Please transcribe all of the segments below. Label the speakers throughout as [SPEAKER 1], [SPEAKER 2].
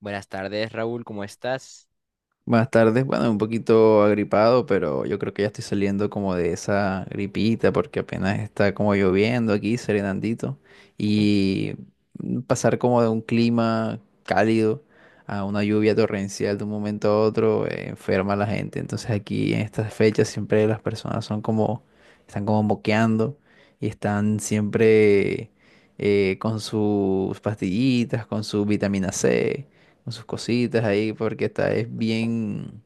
[SPEAKER 1] Buenas tardes, Raúl, ¿cómo estás?
[SPEAKER 2] Buenas tardes, bueno, un poquito agripado, pero yo creo que ya estoy saliendo como de esa gripita porque apenas está como lloviendo aquí, serenandito, y pasar como de un clima cálido a una lluvia torrencial de un momento a otro enferma a la gente. Entonces aquí en estas fechas siempre las personas son como, están como moqueando y están siempre con sus pastillitas, con su vitamina C con sus cositas ahí, porque es bien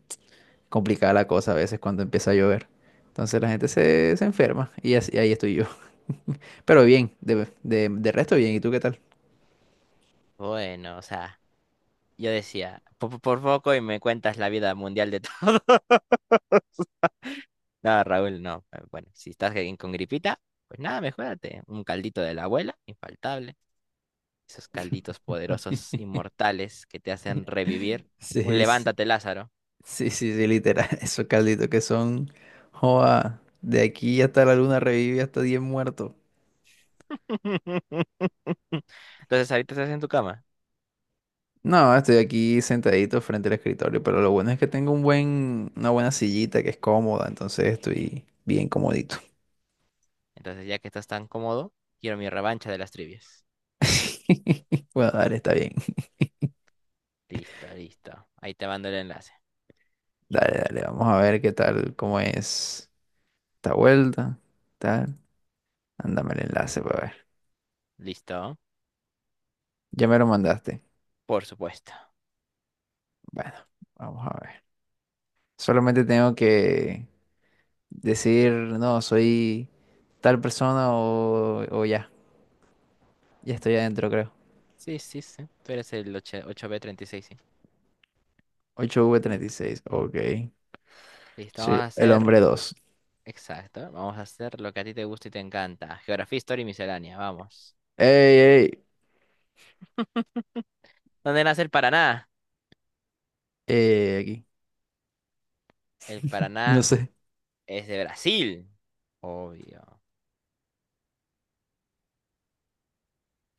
[SPEAKER 2] complicada la cosa a veces cuando empieza a llover. Entonces la gente se enferma y ahí estoy yo. Pero bien, de resto bien, ¿y tú qué tal?
[SPEAKER 1] Bueno, o sea, yo decía, por poco y me cuentas la vida mundial de todos. No, Raúl, no. Bueno, si estás ahí con gripita, pues nada, mejórate. Un caldito de la abuela, infaltable. Esos calditos poderosos, inmortales, que te hacen revivir.
[SPEAKER 2] Sí,
[SPEAKER 1] Un
[SPEAKER 2] sí, sí,
[SPEAKER 1] levántate, Lázaro.
[SPEAKER 2] sí, sí, literal, esos calditos que son, joa, de aquí hasta la luna revive hasta 10 muertos.
[SPEAKER 1] Entonces, ahorita estás en tu cama.
[SPEAKER 2] No, estoy aquí sentadito frente al escritorio, pero lo bueno es que tengo una buena sillita que es cómoda, entonces estoy bien comodito.
[SPEAKER 1] Entonces, ya que estás tan cómodo, quiero mi revancha de las trivias.
[SPEAKER 2] Bueno, dale, está bien.
[SPEAKER 1] Listo, listo. Ahí te mando el enlace.
[SPEAKER 2] Dale, dale, vamos a ver qué tal, cómo es esta vuelta, tal. Ándame el enlace para ver.
[SPEAKER 1] ¿Listo?
[SPEAKER 2] Ya me lo mandaste.
[SPEAKER 1] Por supuesto.
[SPEAKER 2] Bueno, vamos a ver. Solamente tengo que decir, no, soy tal persona o ya. Ya estoy adentro, creo.
[SPEAKER 1] Sí, sí, sí. Tú eres el 8 8B36, sí.
[SPEAKER 2] 8 v treinta y seis. OK.
[SPEAKER 1] Listo, vamos
[SPEAKER 2] Sí,
[SPEAKER 1] a
[SPEAKER 2] el
[SPEAKER 1] hacer.
[SPEAKER 2] hombre dos.
[SPEAKER 1] Exacto. Vamos a hacer lo que a ti te gusta y te encanta. Geografía, historia y miscelánea. Vamos.
[SPEAKER 2] ¡Ey, ey!
[SPEAKER 1] ¿Dónde nace el Paraná?
[SPEAKER 2] Aquí.
[SPEAKER 1] El
[SPEAKER 2] No
[SPEAKER 1] Paraná
[SPEAKER 2] sé.
[SPEAKER 1] es de Brasil. Obvio.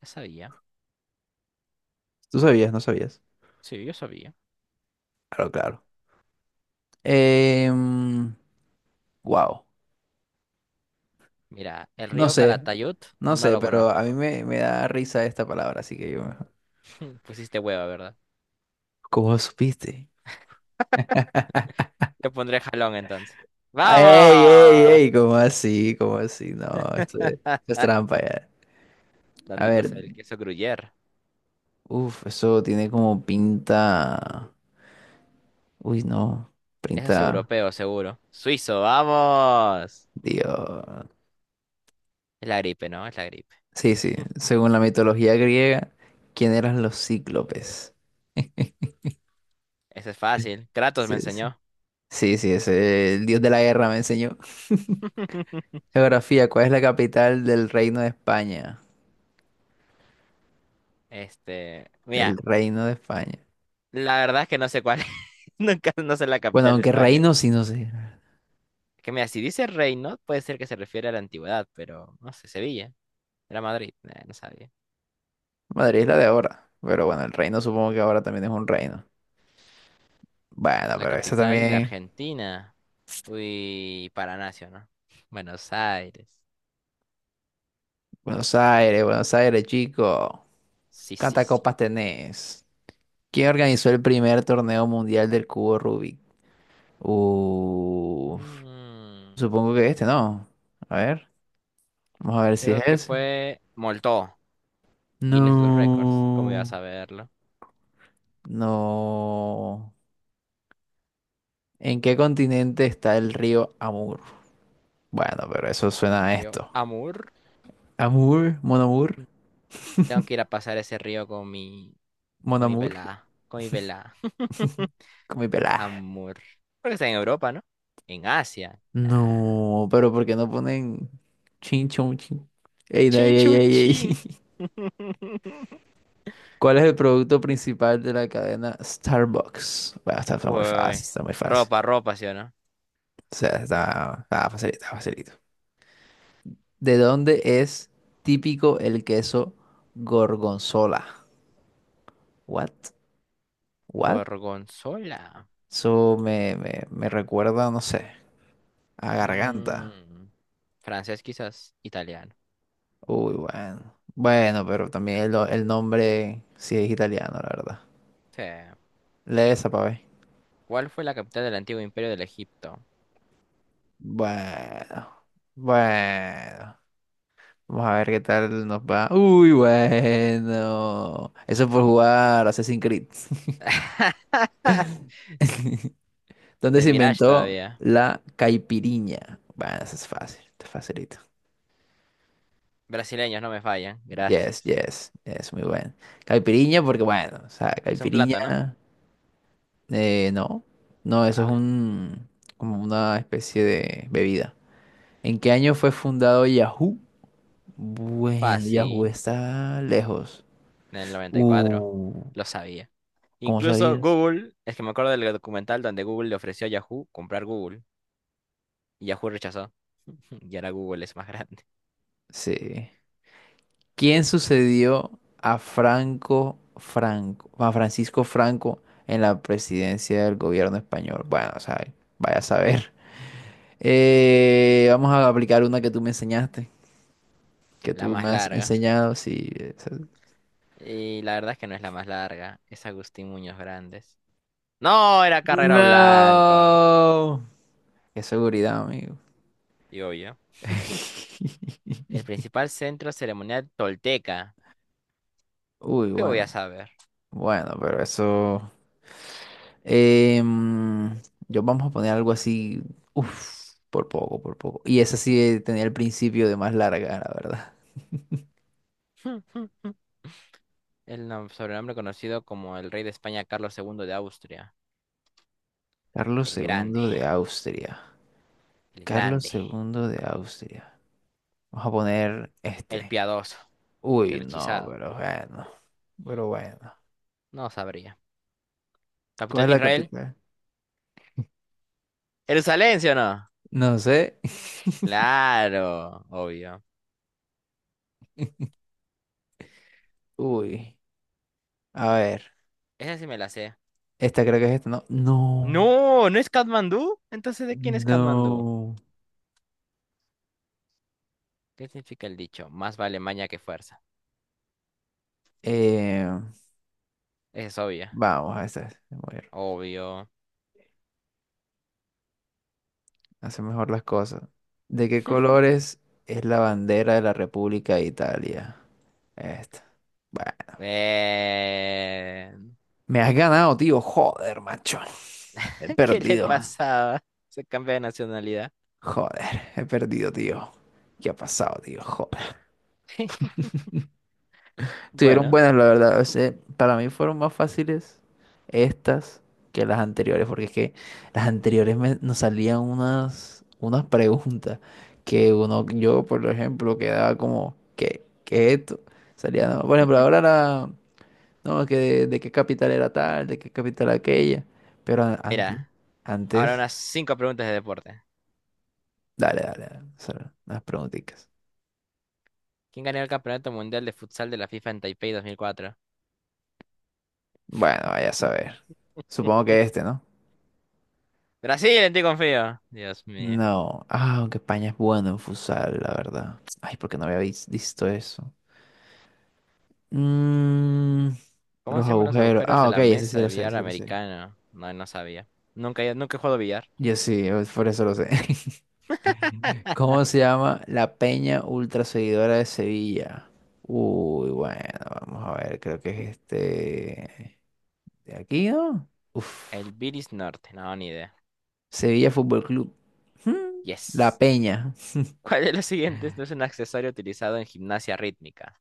[SPEAKER 1] Yo sabía.
[SPEAKER 2] Tú sabías, no sabías.
[SPEAKER 1] Sí, yo sabía.
[SPEAKER 2] Claro, claro. Em, wow.
[SPEAKER 1] Mira, el
[SPEAKER 2] No
[SPEAKER 1] río
[SPEAKER 2] sé,
[SPEAKER 1] Calatayud
[SPEAKER 2] no
[SPEAKER 1] no
[SPEAKER 2] sé,
[SPEAKER 1] lo
[SPEAKER 2] pero a
[SPEAKER 1] conozco.
[SPEAKER 2] mí me da risa esta palabra, así que yo.
[SPEAKER 1] Pusiste hueva, ¿verdad?
[SPEAKER 2] ¿Cómo supiste?
[SPEAKER 1] Yo pondré jalón entonces.
[SPEAKER 2] ¡Ey, ey,
[SPEAKER 1] ¡Vamos!
[SPEAKER 2] ey! ¿Cómo así? ¿Cómo así? No, esto es trampa ya. A
[SPEAKER 1] ¿Dónde
[SPEAKER 2] ver,
[SPEAKER 1] procede el queso gruyère?
[SPEAKER 2] uff, eso tiene como pinta. Uy, no,
[SPEAKER 1] Eso es
[SPEAKER 2] pinta.
[SPEAKER 1] europeo, seguro. Suizo, vamos.
[SPEAKER 2] Dios.
[SPEAKER 1] Es la gripe, ¿no? Es la gripe.
[SPEAKER 2] Sí, sí, según la mitología griega, ¿quién eran los cíclopes?
[SPEAKER 1] Ese es fácil. Kratos me
[SPEAKER 2] Sí, sí,
[SPEAKER 1] enseñó.
[SPEAKER 2] sí, sí, ese, el dios de la guerra me enseñó. Geografía, ¿cuál es la capital del Reino de España?
[SPEAKER 1] Este,
[SPEAKER 2] Del
[SPEAKER 1] mira,
[SPEAKER 2] reino de España.
[SPEAKER 1] la verdad es que no sé cuál es. Nunca no sé la
[SPEAKER 2] Bueno,
[SPEAKER 1] capital de
[SPEAKER 2] aunque
[SPEAKER 1] España.
[SPEAKER 2] reino sí, no sé.
[SPEAKER 1] Que mira, si dice reino, puede ser que se refiere a la antigüedad, pero no sé, Sevilla. Era Madrid, no sabía.
[SPEAKER 2] Madrid es la de ahora. Pero bueno, el reino supongo que ahora también es un reino. Bueno,
[SPEAKER 1] La
[SPEAKER 2] pero eso
[SPEAKER 1] capital de
[SPEAKER 2] también.
[SPEAKER 1] Argentina. Uy, Paranacio, ¿no? Buenos Aires.
[SPEAKER 2] Buenos Aires, Buenos Aires, chico.
[SPEAKER 1] Sí, sí,
[SPEAKER 2] ¿Cuántas
[SPEAKER 1] sí.
[SPEAKER 2] copas tenés? ¿Quién organizó el primer torneo mundial del cubo Rubik? Uf,
[SPEAKER 1] Mm,
[SPEAKER 2] supongo que este, ¿no? A ver, vamos a ver si
[SPEAKER 1] creo
[SPEAKER 2] es
[SPEAKER 1] que
[SPEAKER 2] ese.
[SPEAKER 1] fue Moltó, Guinness de los Récords. ¿Cómo iba a
[SPEAKER 2] No,
[SPEAKER 1] saberlo?
[SPEAKER 2] no. ¿En qué continente está el río Amur? Bueno, pero eso suena
[SPEAKER 1] El
[SPEAKER 2] a
[SPEAKER 1] río
[SPEAKER 2] esto.
[SPEAKER 1] Amur.
[SPEAKER 2] Amour, Mon Amour,
[SPEAKER 1] Mm. Tengo que ir a pasar ese río con mi
[SPEAKER 2] Mon
[SPEAKER 1] Con mi
[SPEAKER 2] Amour,
[SPEAKER 1] pelada, con mi pelada.
[SPEAKER 2] con mi pelada.
[SPEAKER 1] Amor. Porque está en Europa, ¿no? En Asia. Ah.
[SPEAKER 2] No, pero ¿por qué no ponen chin chon chin? Ey, no,
[SPEAKER 1] Chin,
[SPEAKER 2] ey,
[SPEAKER 1] chun,
[SPEAKER 2] ey, ey,
[SPEAKER 1] chin.
[SPEAKER 2] ey. ¿Cuál es el producto principal de la cadena Starbucks? Bueno, está muy fácil,
[SPEAKER 1] Uy.
[SPEAKER 2] está muy fácil.
[SPEAKER 1] Ropa, ropa, ¿sí o no?
[SPEAKER 2] O sea, está facilito, está facilito. ¿De dónde es típico el queso gorgonzola? What? What?
[SPEAKER 1] Gorgonzola.
[SPEAKER 2] Eso me recuerda, no sé, a garganta.
[SPEAKER 1] Mm, francés, quizás. Italiano.
[SPEAKER 2] Uy, bueno. Bueno, pero también el nombre sí es italiano, la verdad.
[SPEAKER 1] Sí.
[SPEAKER 2] Lee esa para ver.
[SPEAKER 1] ¿Cuál fue la capital del antiguo imperio del Egipto?
[SPEAKER 2] Bueno. Bueno. Vamos a ver qué tal nos va. Uy, bueno. Eso es por
[SPEAKER 1] Y-
[SPEAKER 2] jugar Assassin's Creed. ¿Dónde
[SPEAKER 1] El
[SPEAKER 2] se
[SPEAKER 1] Mirage
[SPEAKER 2] inventó
[SPEAKER 1] todavía.
[SPEAKER 2] la caipiriña? Bueno, eso es fácil, está facilito.
[SPEAKER 1] Brasileños no me fallan.
[SPEAKER 2] Yes,
[SPEAKER 1] Gracias.
[SPEAKER 2] yes, es muy bueno. Caipiriña, porque bueno, o sea,
[SPEAKER 1] Es un plátano.
[SPEAKER 2] caipiriña, no, no, eso es
[SPEAKER 1] Ah,
[SPEAKER 2] como una especie de bebida. ¿En qué año fue fundado Yahoo? Bueno, Yahoo
[SPEAKER 1] fácil.
[SPEAKER 2] está lejos.
[SPEAKER 1] En el noventa y cuatro,
[SPEAKER 2] Uh,
[SPEAKER 1] lo sabía.
[SPEAKER 2] ¿Cómo
[SPEAKER 1] Incluso
[SPEAKER 2] sabías?
[SPEAKER 1] Google, es que me acuerdo del documental donde Google le ofreció a Yahoo comprar Google y Yahoo rechazó. Y ahora Google es más grande.
[SPEAKER 2] Sí. ¿Quién sucedió a Francisco Franco en la presidencia del gobierno español? Bueno, o sea, vaya a saber. Vamos a aplicar una que tú me enseñaste, que
[SPEAKER 1] La
[SPEAKER 2] tú me
[SPEAKER 1] más
[SPEAKER 2] has
[SPEAKER 1] larga.
[SPEAKER 2] enseñado, sí.
[SPEAKER 1] Y la verdad es que no es la más larga, es Agustín Muñoz Grandes. No, era Carrera Blanca.
[SPEAKER 2] No. Qué seguridad, amigo.
[SPEAKER 1] Y obvio. El principal centro ceremonial tolteca.
[SPEAKER 2] Uy,
[SPEAKER 1] ¿Qué voy
[SPEAKER 2] bueno.
[SPEAKER 1] a saber?
[SPEAKER 2] Bueno, pero eso. em, yo vamos a poner algo así. Uf, por poco, por poco. Y esa sí tenía el principio de más larga, la verdad.
[SPEAKER 1] El sobrenombre conocido como el rey de España Carlos II de Austria.
[SPEAKER 2] Carlos
[SPEAKER 1] El grande,
[SPEAKER 2] II de Austria.
[SPEAKER 1] el
[SPEAKER 2] Carlos
[SPEAKER 1] grande,
[SPEAKER 2] II de Austria. Vamos a poner
[SPEAKER 1] el
[SPEAKER 2] este.
[SPEAKER 1] piadoso,
[SPEAKER 2] Uy,
[SPEAKER 1] el
[SPEAKER 2] no,
[SPEAKER 1] hechizado.
[SPEAKER 2] pero bueno. Pero bueno.
[SPEAKER 1] No sabría.
[SPEAKER 2] ¿Cuál
[SPEAKER 1] Capital
[SPEAKER 2] es
[SPEAKER 1] de
[SPEAKER 2] la
[SPEAKER 1] Israel.
[SPEAKER 2] capital?
[SPEAKER 1] ¿Jerusalén, sí o no?
[SPEAKER 2] No sé.
[SPEAKER 1] Claro, obvio.
[SPEAKER 2] Uy. A ver.
[SPEAKER 1] Esa sí me la sé.
[SPEAKER 2] Esta creo que es esta, ¿no? No.
[SPEAKER 1] No, ¿no es Katmandú? Entonces, ¿de quién es Katmandú?
[SPEAKER 2] No.
[SPEAKER 1] ¿Qué significa el dicho? Más vale maña que fuerza.
[SPEAKER 2] Eh,
[SPEAKER 1] Esa es obvia.
[SPEAKER 2] Vamos a esta.
[SPEAKER 1] Obvio.
[SPEAKER 2] Hace mejor las cosas. ¿De qué colores es la bandera de la República de Italia? Esta. Bueno,
[SPEAKER 1] Eh...
[SPEAKER 2] me has ganado, tío. Joder, macho. He
[SPEAKER 1] ¿Qué le
[SPEAKER 2] perdido.
[SPEAKER 1] pasaba? Se cambia de nacionalidad.
[SPEAKER 2] Joder, he perdido, tío. ¿Qué ha pasado, tío? Joder. Estuvieron
[SPEAKER 1] Bueno,
[SPEAKER 2] buenas, la verdad. O sea, para mí fueron más fáciles estas que las anteriores, porque es que las anteriores nos salían unas preguntas que uno, yo por ejemplo, quedaba como, ¿qué es esto? Salía, no, por ejemplo, ahora era, no, que de qué capital era tal, de qué capital aquella, pero
[SPEAKER 1] mira, ahora
[SPEAKER 2] antes,
[SPEAKER 1] unas 5 preguntas de deporte.
[SPEAKER 2] dale, dale, dale, solo las preguntitas.
[SPEAKER 1] ¿Quién ganó el Campeonato Mundial de Futsal de la FIFA en Taipei 2004?
[SPEAKER 2] Bueno, vaya a saber. Supongo que este, ¿no?
[SPEAKER 1] Brasil, en ti confío. Dios mío.
[SPEAKER 2] No, ah, aunque España es bueno en futsal, la verdad. Ay, porque no había visto eso. Mm,
[SPEAKER 1] ¿Cómo
[SPEAKER 2] los
[SPEAKER 1] se llaman los
[SPEAKER 2] agujeros.
[SPEAKER 1] agujeros
[SPEAKER 2] Ah,
[SPEAKER 1] de
[SPEAKER 2] OK,
[SPEAKER 1] la
[SPEAKER 2] ese
[SPEAKER 1] mesa
[SPEAKER 2] sí
[SPEAKER 1] de
[SPEAKER 2] lo sé,
[SPEAKER 1] billar
[SPEAKER 2] sí lo sé.
[SPEAKER 1] americano? No, no sabía. Nunca, nunca he jugado billar.
[SPEAKER 2] Yo sí, por eso lo sé. ¿Cómo se llama la peña ultra seguidora de Sevilla? Uy, bueno, vamos a ver, creo que es este de aquí, ¿no? Uf,
[SPEAKER 1] El Bilis Norte, no, ni idea.
[SPEAKER 2] Sevilla Fútbol Club. Hmm, La
[SPEAKER 1] Yes.
[SPEAKER 2] peña.
[SPEAKER 1] ¿Cuál de los siguientes no es un accesorio utilizado en gimnasia rítmica?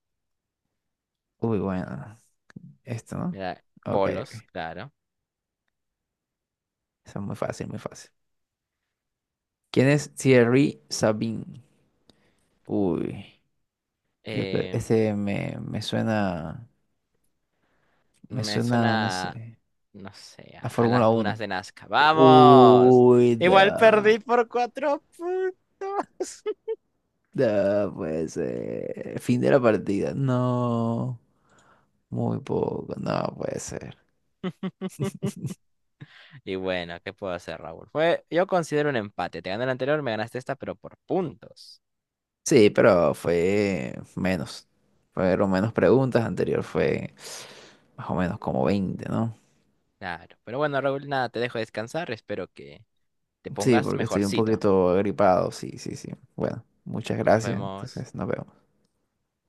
[SPEAKER 2] Uy, bueno, esto, ¿no?
[SPEAKER 1] Mira,
[SPEAKER 2] OK,
[SPEAKER 1] bolos,
[SPEAKER 2] OK.
[SPEAKER 1] claro.
[SPEAKER 2] Eso es muy fácil, muy fácil. ¿Quién es Thierry Sabine? Uy, yo creo,
[SPEAKER 1] Eh,
[SPEAKER 2] ese me me
[SPEAKER 1] me
[SPEAKER 2] suena, no sé,
[SPEAKER 1] suena, no sé,
[SPEAKER 2] a
[SPEAKER 1] a
[SPEAKER 2] Fórmula
[SPEAKER 1] las dunas
[SPEAKER 2] Uno.
[SPEAKER 1] de Nazca. ¡Vamos!
[SPEAKER 2] Uy,
[SPEAKER 1] Igual
[SPEAKER 2] no,
[SPEAKER 1] perdí por 4 puntos.
[SPEAKER 2] no puede ser. Fin de la partida. No, muy poco, no puede ser.
[SPEAKER 1] Y bueno, ¿qué puedo hacer, Raúl? Fue, yo considero un empate. Te gané el anterior, me ganaste esta, pero por puntos.
[SPEAKER 2] Sí, pero fue menos. Fueron menos preguntas, anterior fue más o menos como 20, ¿no?
[SPEAKER 1] Claro. Pero bueno, Raúl, nada, te dejo descansar. Espero que te
[SPEAKER 2] Sí,
[SPEAKER 1] pongas
[SPEAKER 2] porque estoy un
[SPEAKER 1] mejorcito.
[SPEAKER 2] poquito agripado, sí, sí, sí. Bueno, muchas
[SPEAKER 1] Nos
[SPEAKER 2] gracias,
[SPEAKER 1] vemos.
[SPEAKER 2] entonces nos vemos.